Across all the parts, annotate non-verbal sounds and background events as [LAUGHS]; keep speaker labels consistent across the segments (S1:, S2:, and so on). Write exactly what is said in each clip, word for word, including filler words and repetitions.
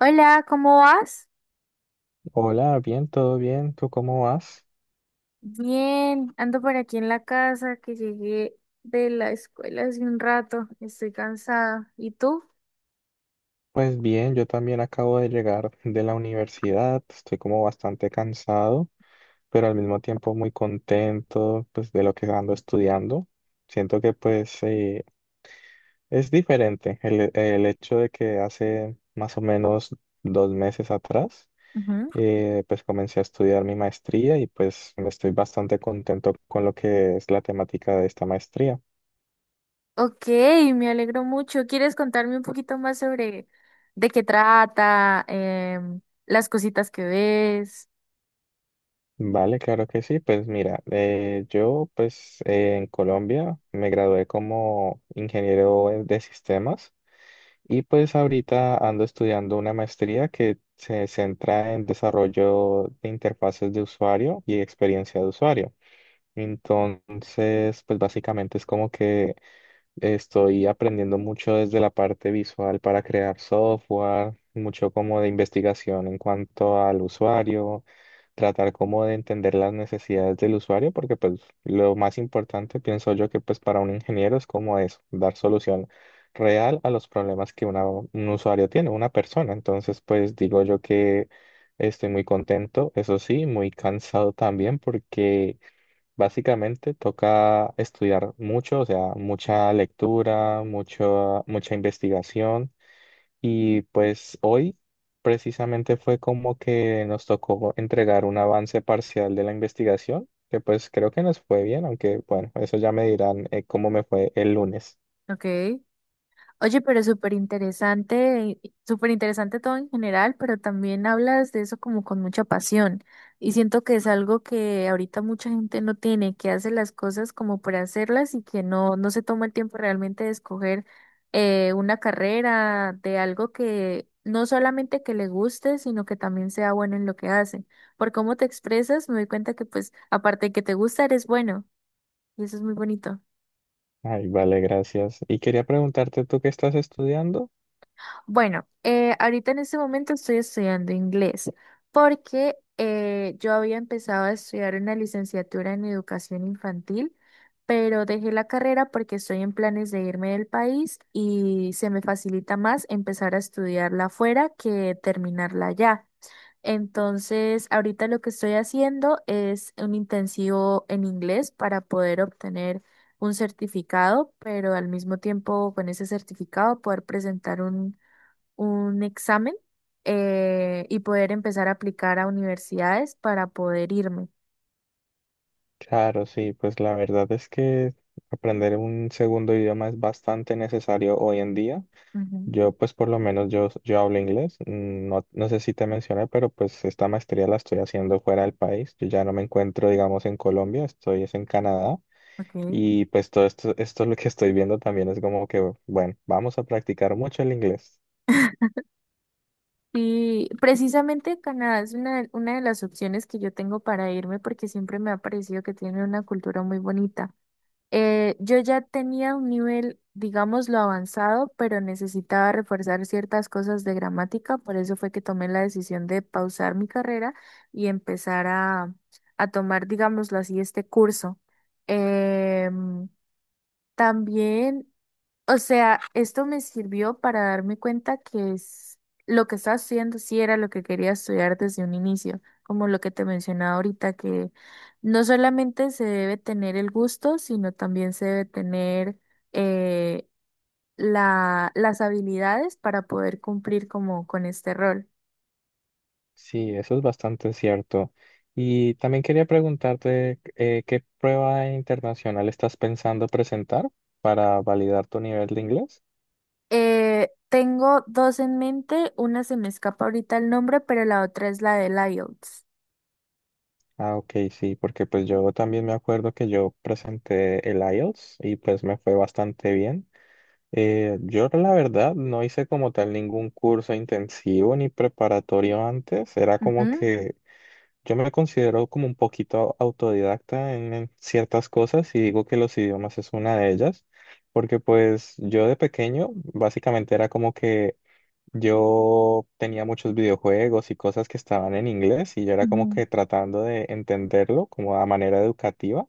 S1: Hola, ¿cómo vas?
S2: Hola, bien, todo bien, ¿tú cómo vas?
S1: Bien, ando por aquí en la casa que llegué de la escuela hace un rato. Estoy cansada. ¿Y tú?
S2: Pues bien, yo también acabo de llegar de la universidad, estoy como bastante cansado, pero al mismo tiempo muy contento pues de lo que ando estudiando. Siento que pues eh, es diferente el, el hecho de que hace más o menos dos meses atrás
S1: Ujú.
S2: eh, pues comencé a estudiar mi maestría y pues estoy bastante contento con lo que es la temática de esta maestría.
S1: Ok, me alegro mucho. ¿Quieres contarme un poquito más sobre de qué trata, em, las cositas que ves?
S2: Vale, claro que sí. Pues mira, eh, yo pues eh, en Colombia me gradué como ingeniero eh, de sistemas y pues ahorita ando estudiando una maestría que se centra en desarrollo de interfaces de usuario y experiencia de usuario. Entonces, pues básicamente es como que Estoy aprendiendo mucho desde la parte visual para crear software, mucho como de investigación en cuanto al usuario, tratar como de entender las necesidades del usuario, porque pues lo más importante pienso yo que pues para un ingeniero es como eso, dar solución real a los problemas que una- un usuario tiene, una persona. Entonces pues digo yo que estoy muy contento, eso sí, muy cansado también porque... Básicamente toca estudiar mucho, o sea, mucha lectura, mucho, mucha investigación. Y pues hoy precisamente fue como que nos tocó entregar un avance parcial de la investigación, que pues creo que nos fue bien, aunque bueno, eso ya me dirán eh, cómo me fue el lunes.
S1: Ok. Oye, pero súper interesante, y- súper interesante todo en general, pero también hablas de eso como con mucha pasión. Y siento que es algo que ahorita mucha gente no tiene, que hace las cosas como por hacerlas y que no, no se toma el tiempo realmente de escoger eh, una carrera de algo que no solamente que le guste, sino que también sea bueno en lo que hace. Por cómo te expresas, me doy cuenta que pues aparte de que te gusta, eres bueno. Y eso es muy bonito.
S2: Ay, vale, gracias. Y quería preguntarte, ¿tú qué estás estudiando?
S1: Bueno, eh, ahorita en este momento estoy estudiando inglés porque eh, yo había empezado a estudiar una licenciatura en educación infantil, pero dejé la carrera porque estoy en planes de irme del país y se me facilita más empezar a estudiarla afuera que terminarla allá. Entonces, ahorita lo que estoy haciendo es un intensivo en inglés para poder obtener un certificado, pero al mismo tiempo con ese certificado poder presentar un un examen, eh, y poder empezar a aplicar a universidades para poder irme.
S2: Claro, sí, pues la verdad es que aprender un segundo idioma es bastante necesario hoy en día.
S1: Ujú.
S2: Yo, pues por lo menos yo, yo hablo inglés. mm, No, no sé si te mencioné, pero pues esta maestría la estoy haciendo fuera del país. Yo ya no me encuentro, digamos, en Colombia, estoy es en Canadá.
S1: Ok.
S2: Y pues todo esto, esto lo que estoy viendo también es como que, bueno, vamos a practicar mucho el inglés.
S1: Y precisamente Canadá es una, de- una de las opciones que yo tengo para irme porque siempre me ha parecido que tiene una cultura muy bonita. Eh, yo ya tenía un nivel, digámoslo, avanzado, pero necesitaba reforzar ciertas cosas de gramática, por eso fue que tomé la decisión de pausar mi carrera y empezar a, a tomar, digámoslo así, este curso. Em, también, o sea, esto me sirvió para darme cuenta que es lo que estaba estudiando sí era lo que quería estudiar desde un inicio, como lo que te mencionaba ahorita, que no solamente se debe tener el gusto, sino también se debe tener eh, la, las habilidades para poder cumplir como con este rol.
S2: Sí, eso es bastante cierto. Y también quería preguntarte, eh, ¿qué prueba internacional estás pensando presentar para validar tu nivel de inglés?
S1: Eh, tengo dos en mente, una se me escapa ahorita el nombre, pero la otra es la de I E L T S.
S2: Ah, ok, sí, porque pues yo también me acuerdo que yo presenté el I E L T S y pues me fue bastante bien. Eh, yo la verdad no hice como tal ningún curso intensivo ni preparatorio antes, era como
S1: Ujú.
S2: que yo me considero como un poquito autodidacta en, en ciertas cosas y digo que los idiomas es una de ellas, porque pues yo de pequeño básicamente era como que yo tenía muchos videojuegos y cosas que estaban en inglés y yo era como
S1: Ujú.
S2: que tratando de entenderlo como a manera educativa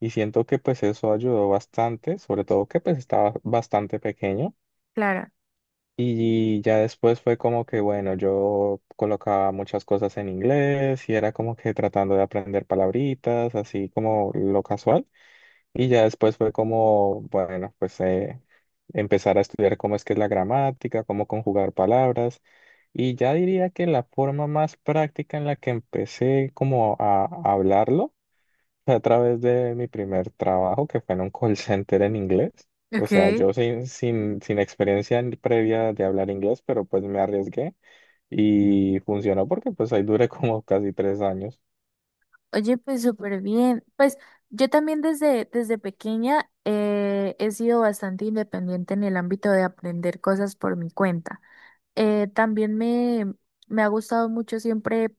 S2: y siento que pues eso ayudó bastante, sobre todo que pues estaba bastante pequeño
S1: Clara.
S2: y ya después fue como que bueno, yo colocaba muchas cosas en inglés y era como que tratando de aprender palabritas, así como lo casual. Y ya después fue como, bueno, pues eh, empezar a estudiar cómo es que es la gramática, cómo conjugar palabras. Y ya diría que la forma más práctica en la que empecé como a hablarlo fue a través de mi primer trabajo, que fue en un call center en inglés. O
S1: Ok.
S2: sea, yo sin, sin, sin experiencia en- previa de hablar inglés, pero pues me arriesgué y funcionó porque pues ahí duré como casi tres años.
S1: Oye, pues súper bien. Pues yo también desde, desde pequeña, eh, he sido bastante independiente en el ámbito de aprender cosas por mi cuenta. Eh, también me, me ha gustado mucho siempre,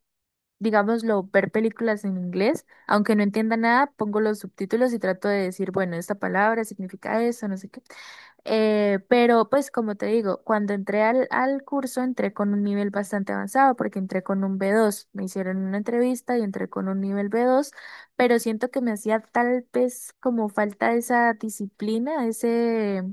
S1: digámoslo, ver películas en inglés, aunque no entienda nada, pongo los subtítulos y trato de decir, bueno, esta palabra significa eso, no sé qué. Eh, pero pues como te digo, cuando entré al, al curso entré con un nivel bastante avanzado porque entré con un b dos, me hicieron una entrevista y entré con un nivel b dos, pero siento que me hacía tal vez como falta esa disciplina, ese,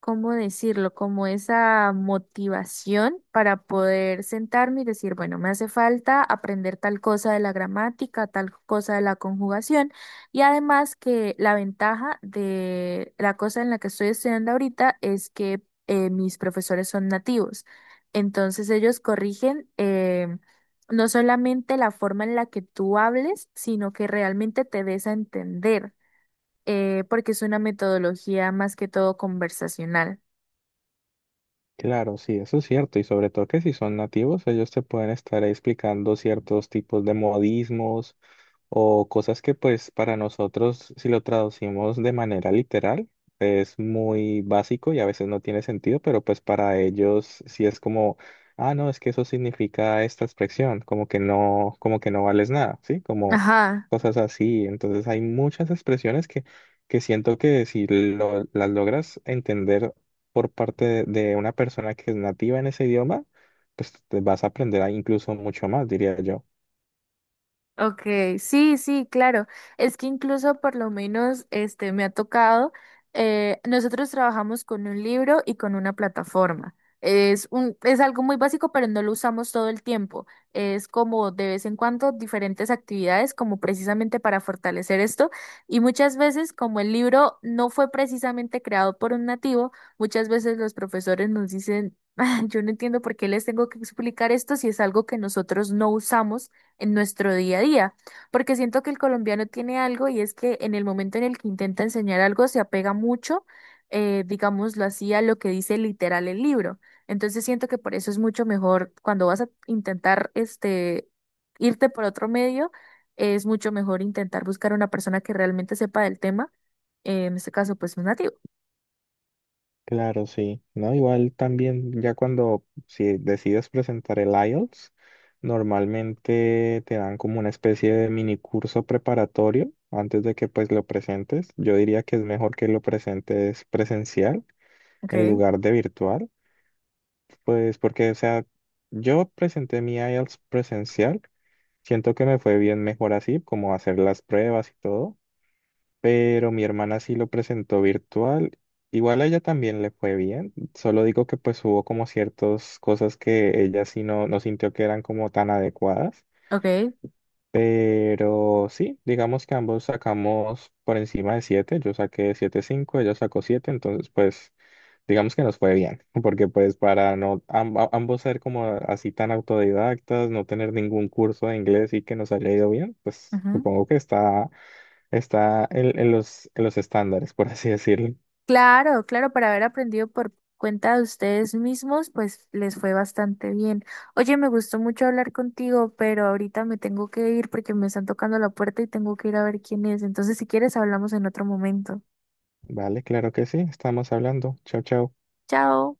S1: ¿cómo decirlo? Como esa motivación para poder sentarme y decir, bueno, me hace falta aprender tal cosa de la gramática, tal cosa de la conjugación. Y además que la ventaja de la cosa en la que estoy estudiando ahorita es que, eh, mis profesores son nativos. Entonces ellos corrigen, eh, no solamente la forma en la que tú hables, sino que realmente te des a entender, eh, porque es una metodología más que todo conversacional.
S2: Claro, sí, eso es cierto, y sobre todo que si son nativos, ellos te pueden estar explicando ciertos tipos de modismos o cosas que pues para nosotros, si lo traducimos de manera literal, es muy básico y a veces no tiene sentido, pero pues para ellos sí es como, ah, no, es que eso significa esta expresión, como que no, como que no vales nada, ¿sí? Como
S1: Ajá,
S2: cosas así. Entonces hay muchas expresiones que, que siento que si lo- las logras entender por parte de, de una persona que es nativa en ese idioma, pues te vas a aprender a- incluso mucho más, diría yo.
S1: okay, sí, sí, claro. Es que incluso por lo menos este me ha tocado, eh, nosotros trabajamos con un libro y con una plataforma. Es un, es algo muy básico, pero no lo usamos todo el tiempo. Es como de vez en cuando diferentes actividades, como precisamente para fortalecer esto. Y muchas veces, como el libro no fue precisamente creado por un nativo, muchas veces los profesores nos dicen, [LAUGHS] "Ah, yo no entiendo por qué les tengo que explicar esto si es algo que nosotros no usamos en nuestro día a día, porque siento que el colombiano tiene algo y es que en el momento en el que intenta enseñar algo se apega mucho, eh, digámoslo así, a lo que dice literal el libro. Entonces siento que por eso es mucho mejor cuando vas a intentar este irte por otro medio, es mucho mejor intentar buscar una persona que realmente sepa del tema, eh, en este caso pues un nativo.
S2: Claro, sí. No, igual también ya cuando si decides presentar el I E L T S, normalmente te dan como una especie de mini curso preparatorio antes de que pues lo presentes. Yo diría que es mejor que lo presentes presencial en
S1: Okay,
S2: lugar de virtual, pues porque, o sea, yo presenté mi I E L T S presencial, siento que me fue bien mejor así, como hacer las pruebas y todo pero mi hermana sí lo presentó virtual. Igual a ella también le fue bien, solo digo que pues hubo como ciertas cosas que ella sí no, no sintió que eran como tan adecuadas,
S1: okay.
S2: pero sí, digamos que ambos sacamos por encima de siete, yo saqué siete punto cinco, ella sacó siete, entonces pues digamos que nos fue bien, [LAUGHS] porque pues para no amb- ambos ser como así tan autodidactas, no tener ningún curso de inglés y que nos haya ido bien, pues supongo que está Está en, en los, en los estándares, por así decirlo.
S1: Claro, claro, para haber aprendido por cuenta de ustedes mismos, pues les fue bastante bien. Oye, me gustó mucho hablar contigo, pero ahorita me tengo que ir porque me están tocando la puerta y tengo que ir a ver quién es. Entonces, si quieres, hablamos en otro momento.
S2: Vale, claro que sí, estamos hablando. Chao, chao.
S1: Chao.